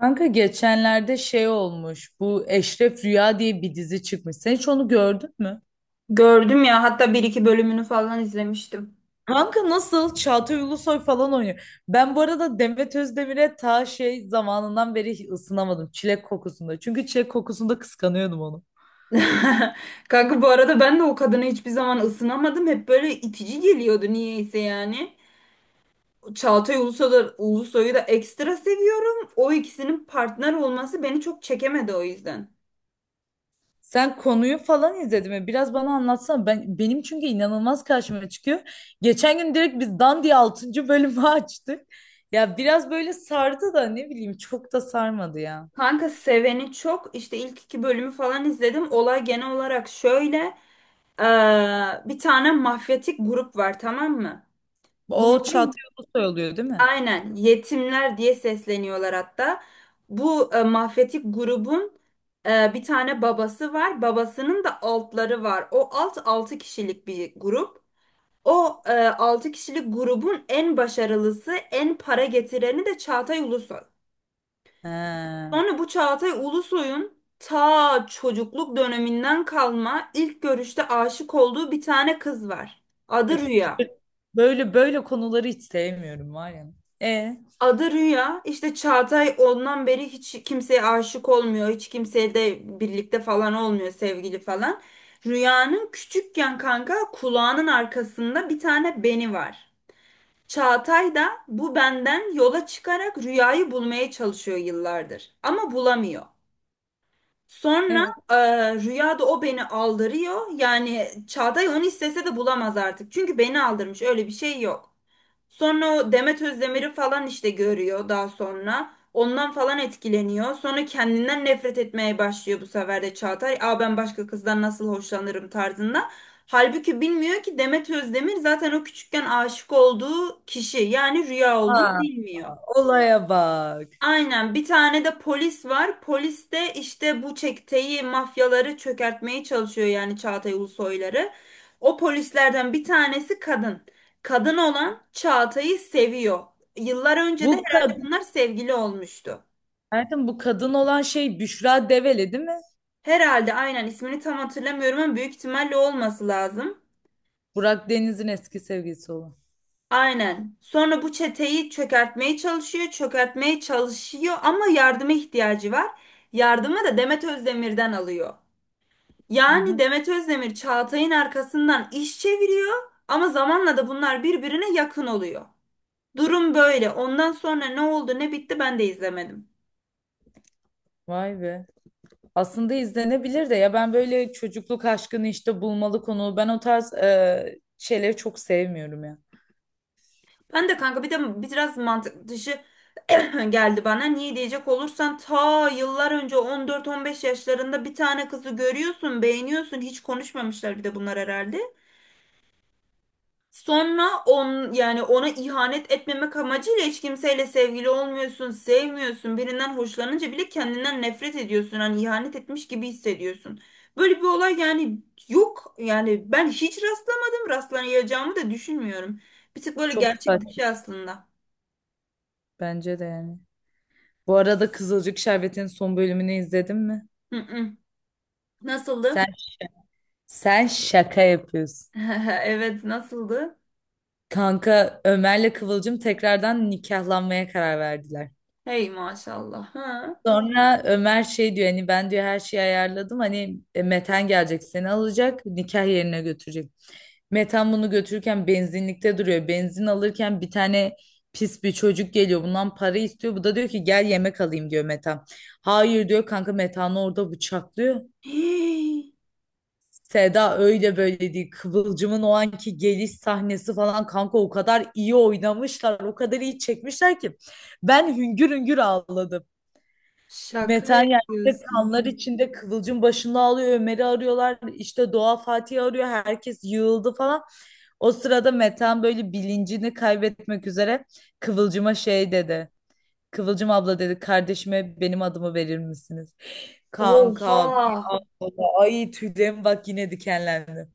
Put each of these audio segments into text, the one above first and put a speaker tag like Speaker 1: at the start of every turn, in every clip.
Speaker 1: Kanka geçenlerde şey olmuş. Bu Eşref Rüya diye bir dizi çıkmış. Sen hiç onu gördün mü?
Speaker 2: Gördüm ya, hatta bir iki bölümünü falan izlemiştim.
Speaker 1: Kanka nasıl? Çağatay Ulusoy falan oynuyor. Ben bu arada Demet Özdemir'e ta şey zamanından beri ısınamadım. Çilek kokusunda. Çünkü çilek kokusunda kıskanıyordum onu.
Speaker 2: Kanka, bu arada ben de o kadına hiçbir zaman ısınamadım. Hep böyle itici geliyordu niyeyse yani. Çağatay Ulusoy'u, Ulusoy'u da ekstra seviyorum. O ikisinin partner olması beni çok çekemedi o yüzden.
Speaker 1: Sen konuyu falan izledin mi? Biraz bana anlatsana. Benim çünkü inanılmaz karşıma çıkıyor. Geçen gün direkt biz dan diye 6. bölümü açtık. Ya biraz böyle sardı da ne bileyim çok da sarmadı ya.
Speaker 2: Kanka seveni çok. İşte ilk iki bölümü falan izledim. Olay genel olarak şöyle. Bir tane mafyatik grup var, tamam mı?
Speaker 1: O
Speaker 2: Bunların,
Speaker 1: Çağatay Ulusoy oluyor değil mi?
Speaker 2: aynen, yetimler diye sesleniyorlar hatta. Bu mafyatik grubun bir tane babası var. Babasının da altları var. O alt 6 kişilik bir grup. O 6 kişilik grubun en başarılısı, en para getireni de Çağatay Ulusoy.
Speaker 1: Ha.
Speaker 2: Sonra bu Çağatay Ulusoy'un ta çocukluk döneminden kalma ilk görüşte aşık olduğu bir tane kız var. Adı
Speaker 1: Öf,
Speaker 2: Rüya.
Speaker 1: böyle böyle konuları hiç sevmiyorum var ya. E,
Speaker 2: Adı Rüya. İşte Çağatay ondan beri hiç kimseye aşık olmuyor. Hiç kimseye de birlikte falan olmuyor, sevgili falan. Rüya'nın küçükken, kanka, kulağının arkasında bir tane beni var. Çağatay da bu benden yola çıkarak Rüya'yı bulmaya çalışıyor yıllardır. Ama bulamıyor. Sonra
Speaker 1: evet.
Speaker 2: Rüya da o beni aldırıyor. Yani Çağatay onu istese de bulamaz artık. Çünkü beni aldırmış, öyle bir şey yok. Sonra o Demet Özdemir'i falan işte görüyor daha sonra. Ondan falan etkileniyor. Sonra kendinden nefret etmeye başlıyor bu sefer de Çağatay. Aa, ben başka kızdan nasıl hoşlanırım tarzında. Halbuki bilmiyor ki Demet Özdemir zaten o küçükken aşık olduğu kişi, yani Rüya olduğunu
Speaker 1: Ha,
Speaker 2: bilmiyor.
Speaker 1: olaya bak.
Speaker 2: Aynen, bir tane de polis var. Polis de işte bu çeteyi, mafyaları çökertmeye çalışıyor, yani Çağatay Ulusoyları. O polislerden bir tanesi kadın. Kadın olan Çağatay'ı seviyor. Yıllar önce de
Speaker 1: Bu
Speaker 2: herhalde
Speaker 1: kadın,
Speaker 2: bunlar sevgili olmuştu.
Speaker 1: zaten bu kadın olan şey Büşra Develi değil mi?
Speaker 2: Herhalde, aynen, ismini tam hatırlamıyorum ama büyük ihtimalle o olması lazım.
Speaker 1: Burak Deniz'in eski sevgilisi olan.
Speaker 2: Aynen. Sonra bu çeteyi çökertmeye çalışıyor, çökertmeye çalışıyor ama yardıma ihtiyacı var. Yardımı da Demet Özdemir'den alıyor.
Speaker 1: Hı
Speaker 2: Yani
Speaker 1: hı.
Speaker 2: Demet Özdemir Çağatay'ın arkasından iş çeviriyor ama zamanla da bunlar birbirine yakın oluyor. Durum böyle. Ondan sonra ne oldu ne bitti ben de izlemedim.
Speaker 1: Vay be. Aslında izlenebilir de ya ben böyle çocukluk aşkını işte bulmalı konu. Ben o tarz şeyleri çok sevmiyorum ya.
Speaker 2: Ben de, kanka, bir de biraz mantık dışı geldi bana. Niye diyecek olursan, ta yıllar önce 14-15 yaşlarında bir tane kızı görüyorsun, beğeniyorsun. Hiç konuşmamışlar bir de bunlar herhalde. Sonra on, yani ona ihanet etmemek amacıyla hiç kimseyle sevgili olmuyorsun, sevmiyorsun. Birinden hoşlanınca bile kendinden nefret ediyorsun. Hani ihanet etmiş gibi hissediyorsun. Böyle bir olay yani yok. Yani ben hiç rastlamadım. Rastlayacağımı da düşünmüyorum. Bir tık böyle
Speaker 1: Çok
Speaker 2: gerçek
Speaker 1: saçma
Speaker 2: dışı aslında.
Speaker 1: bence de yani. Bu arada Kızılcık Şerbeti'nin son bölümünü izledin mi?
Speaker 2: Hı hı.
Speaker 1: Sen
Speaker 2: Nasıldı?
Speaker 1: sen şaka yapıyorsun.
Speaker 2: Evet, nasıldı?
Speaker 1: Kanka Ömer'le Kıvılcım tekrardan nikahlanmaya karar verdiler.
Speaker 2: Hey maşallah. Ha.
Speaker 1: Sonra Ömer şey diyor hani ben diyor her şeyi ayarladım hani Meten gelecek seni alacak nikah yerine götürecek. Meten bunu götürürken benzinlikte duruyor. Benzin alırken bir tane pis bir çocuk geliyor bundan para istiyor. Bu da diyor ki gel yemek alayım diyor Meten. Hayır diyor kanka Metan'ı orada bıçaklıyor.
Speaker 2: Hey,
Speaker 1: Seda öyle böyle değil. Kıvılcım'ın o anki geliş sahnesi falan kanka o kadar iyi oynamışlar. O kadar iyi çekmişler ki. Ben hüngür hüngür ağladım.
Speaker 2: şaka
Speaker 1: Metan yerde
Speaker 2: yapıyorsun.
Speaker 1: kanlar içinde Kıvılcım başında ağlıyor. Ömer'i arıyorlar. İşte Doğa Fatih'i arıyor. Herkes yığıldı falan. O sırada Metan böyle bilincini kaybetmek üzere Kıvılcım'a şey dedi. Kıvılcım abla dedi kardeşime benim adımı verir misiniz? Kanka
Speaker 2: Oha.
Speaker 1: ay tüylerim bak yine dikenlendi.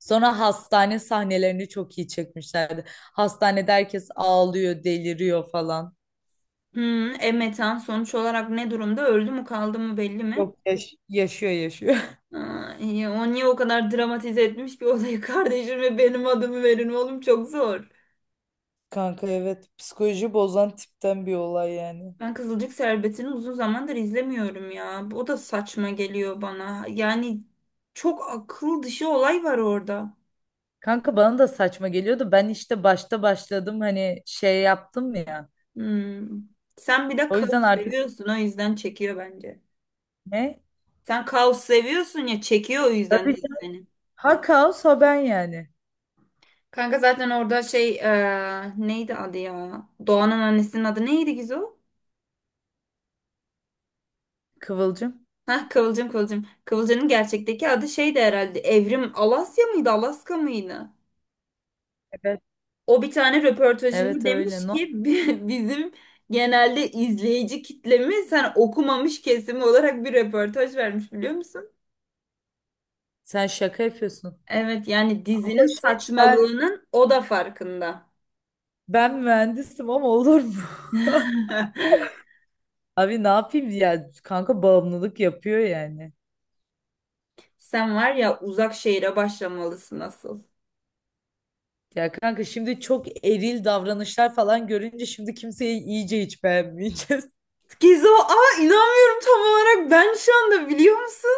Speaker 1: Sonra hastane sahnelerini çok iyi çekmişlerdi. Hastanede herkes ağlıyor, deliriyor falan.
Speaker 2: Hmm, metan sonuç olarak ne durumda? Öldü mü, kaldı mı, belli mi?
Speaker 1: Yok, yaşıyor yaşıyor.
Speaker 2: Aa, iyi. O niye o kadar dramatize etmiş ki olayı? Kardeşim ve benim adımı verin, oğlum çok zor.
Speaker 1: Kanka evet psikoloji bozan tipten bir olay yani.
Speaker 2: Ben Kızılcık Şerbeti'ni uzun zamandır izlemiyorum ya. O da saçma geliyor bana. Yani çok akıl dışı olay var orada.
Speaker 1: Kanka bana da saçma geliyordu. Ben işte başta başladım hani şey yaptım ya.
Speaker 2: Hmm. Sen bir de
Speaker 1: O yüzden
Speaker 2: kaos
Speaker 1: artık
Speaker 2: seviyorsun, o yüzden çekiyor bence.
Speaker 1: ne?
Speaker 2: Sen kaos seviyorsun ya, çekiyor o yüzden
Speaker 1: Tabii
Speaker 2: dizi
Speaker 1: canım.
Speaker 2: seni.
Speaker 1: Ha kaos ha ben yani.
Speaker 2: Kanka zaten orada şey, neydi adı ya? Doğan'ın annesinin adı neydi, Gizo?
Speaker 1: Kıvılcım.
Speaker 2: Hah, Kıvılcım, Kıvılcım. Kıvılcım'ın gerçekteki adı şeydi herhalde. Evrim Alasya mıydı, Alaska mıydı?
Speaker 1: Evet.
Speaker 2: O bir tane röportajında
Speaker 1: Evet öyle.
Speaker 2: demiş
Speaker 1: No.
Speaker 2: ki bizim genelde izleyici kitlemiz sen okumamış kesimi" olarak bir röportaj vermiş, biliyor musun?
Speaker 1: Sen şaka yapıyorsun.
Speaker 2: Evet, yani
Speaker 1: Abla
Speaker 2: dizinin
Speaker 1: şey ben
Speaker 2: saçmalığının o da farkında.
Speaker 1: ben mühendisim ama olur mu? Abi ne yapayım ya kanka bağımlılık yapıyor yani.
Speaker 2: Sen var ya, Uzak Şehir'e başlamalısın asıl.
Speaker 1: Ya kanka şimdi çok eril davranışlar falan görünce şimdi kimseyi iyice hiç beğenmeyeceğiz.
Speaker 2: Gizo, aa, inanmıyorum tam olarak ben şu anda, biliyor musun?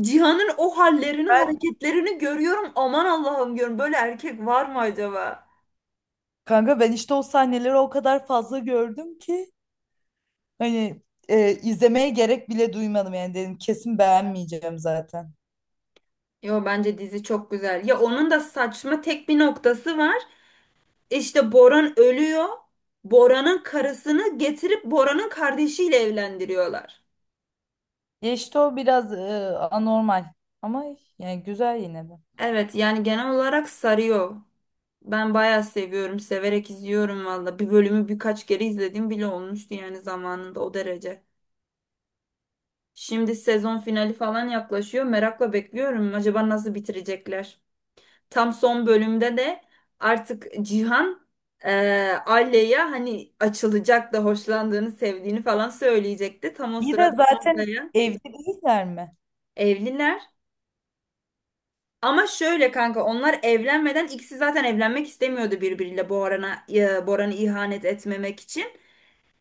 Speaker 2: Cihan'ın o hallerini,
Speaker 1: Ben
Speaker 2: hareketlerini görüyorum. Aman Allah'ım diyorum. Böyle erkek var mı acaba?
Speaker 1: kanka ben işte o sahneleri o kadar fazla gördüm ki hani izlemeye gerek bile duymadım yani dedim kesin beğenmeyeceğim zaten.
Speaker 2: Yo, bence dizi çok güzel. Ya, onun da saçma tek bir noktası var. İşte Boran ölüyor. Boran'ın karısını getirip Boran'ın kardeşiyle evlendiriyorlar.
Speaker 1: Ya işte o biraz anormal ama yani güzel yine de.
Speaker 2: Evet, yani genel olarak sarıyor. Ben bayağı seviyorum, severek izliyorum valla. Bir bölümü birkaç kere izlediğim bile olmuştu yani, zamanında o derece. Şimdi sezon finali falan yaklaşıyor. Merakla bekliyorum. Acaba nasıl bitirecekler? Tam son bölümde de artık Cihan Alya'ya hani açılacak da hoşlandığını, sevdiğini falan söyleyecekti. Tam o
Speaker 1: İyi de
Speaker 2: sırada
Speaker 1: zaten
Speaker 2: Olga'ya
Speaker 1: evli değiller mi?
Speaker 2: evliler. Ama şöyle kanka, onlar evlenmeden ikisi zaten evlenmek istemiyordu birbiriyle, Boran'a Boran'ı ihanet etmemek için.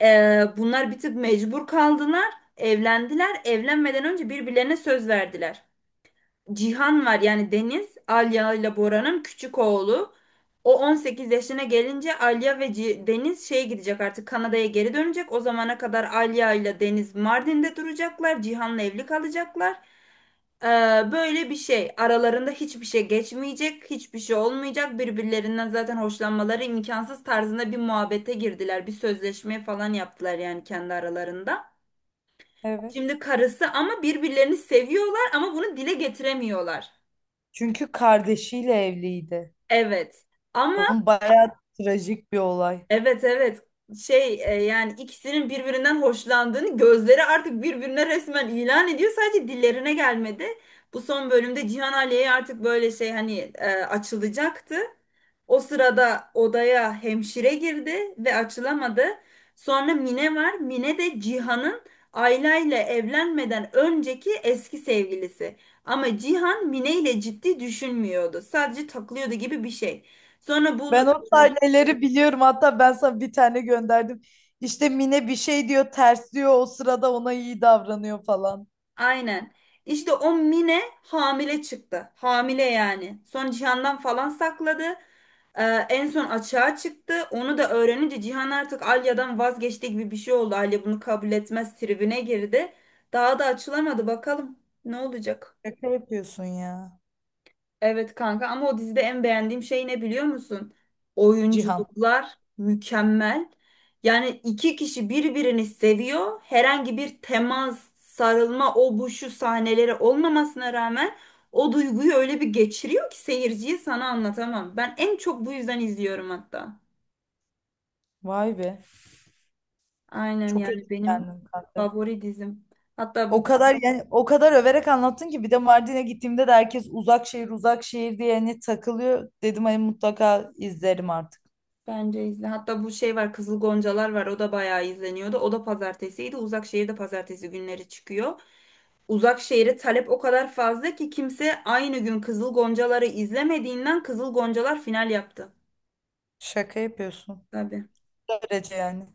Speaker 2: Bunlar bir tık mecbur kaldılar. Evlendiler. Evlenmeden önce birbirlerine söz verdiler. Cihan var, yani Deniz, Alya ile Bora'nın küçük oğlu. O 18 yaşına gelince Alya ve Deniz şeye gidecek, artık Kanada'ya geri dönecek. O zamana kadar Alya ile Deniz Mardin'de duracaklar. Cihan'la evli kalacaklar. Ee, Böyle bir şey. Aralarında hiçbir şey geçmeyecek, hiçbir şey olmayacak. Birbirlerinden zaten hoşlanmaları imkansız tarzında bir muhabbete girdiler. Bir sözleşme falan yaptılar yani kendi aralarında.
Speaker 1: Evet.
Speaker 2: Şimdi karısı ama birbirlerini seviyorlar ama bunu dile getiremiyorlar.
Speaker 1: Çünkü kardeşiyle evliydi.
Speaker 2: Evet. Ama
Speaker 1: Onun bayağı trajik bir olay.
Speaker 2: evet, evet, şey, yani ikisinin birbirinden hoşlandığını gözleri artık birbirine resmen ilan ediyor. Sadece dillerine gelmedi. Bu son bölümde Cihan Aliye'ye artık böyle şey hani, açılacaktı. O sırada odaya hemşire girdi ve açılamadı. Sonra Mine var. Mine de Cihan'ın Ayla ile evlenmeden önceki eski sevgilisi. Ama Cihan Mine ile ciddi düşünmüyordu. Sadece takılıyordu gibi bir şey. Sonra bu,
Speaker 1: Ben o sahneleri biliyorum. Hatta ben sana bir tane gönderdim. İşte Mine bir şey diyor, ters diyor. O sırada ona iyi davranıyor falan.
Speaker 2: aynen. İşte o Mine hamile çıktı. Hamile yani. Sonra Cihan'dan falan sakladı. Ee, En son açığa çıktı. Onu da öğrenince Cihan artık Alya'dan vazgeçti gibi bir şey oldu. Alya bunu kabul etmez tribine girdi. Daha da açılamadı. Bakalım ne olacak?
Speaker 1: Şaka yapıyorsun ya.
Speaker 2: Evet kanka, ama o dizide en beğendiğim şey ne, biliyor musun?
Speaker 1: Cihan.
Speaker 2: Oyunculuklar mükemmel. Yani iki kişi birbirini seviyor. Herhangi bir temas, sarılma, o bu şu sahneleri olmamasına rağmen o duyguyu öyle bir geçiriyor ki seyirciye, sana anlatamam. Ben en çok bu yüzden izliyorum hatta.
Speaker 1: Vay be.
Speaker 2: Aynen
Speaker 1: Çok
Speaker 2: yani, benim
Speaker 1: etkilendim kanka.
Speaker 2: favori dizim. Hatta
Speaker 1: O
Speaker 2: bu,
Speaker 1: kadar yani o kadar överek anlattın ki bir de Mardin'e gittiğimde de herkes uzak şehir uzak şehir diye hani takılıyor. Dedim hani mutlaka izlerim artık.
Speaker 2: bence izle. Hatta bu şey var, Kızıl Goncalar var, o da bayağı izleniyordu. O da pazartesiydi. Uzak Şehir'de pazartesi günleri çıkıyor. Uzak Şehir'e talep o kadar fazla ki kimse aynı gün Kızıl Goncaları izlemediğinden Kızıl Goncalar final yaptı.
Speaker 1: Şaka yapıyorsun.
Speaker 2: Tabii.
Speaker 1: Böylece yani.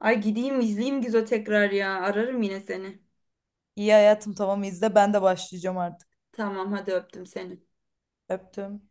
Speaker 2: Ay, gideyim izleyeyim Gizo, tekrar ya. Ararım yine seni.
Speaker 1: İyi hayatım tamam izle ben de başlayacağım artık.
Speaker 2: Tamam, hadi öptüm seni.
Speaker 1: Öptüm.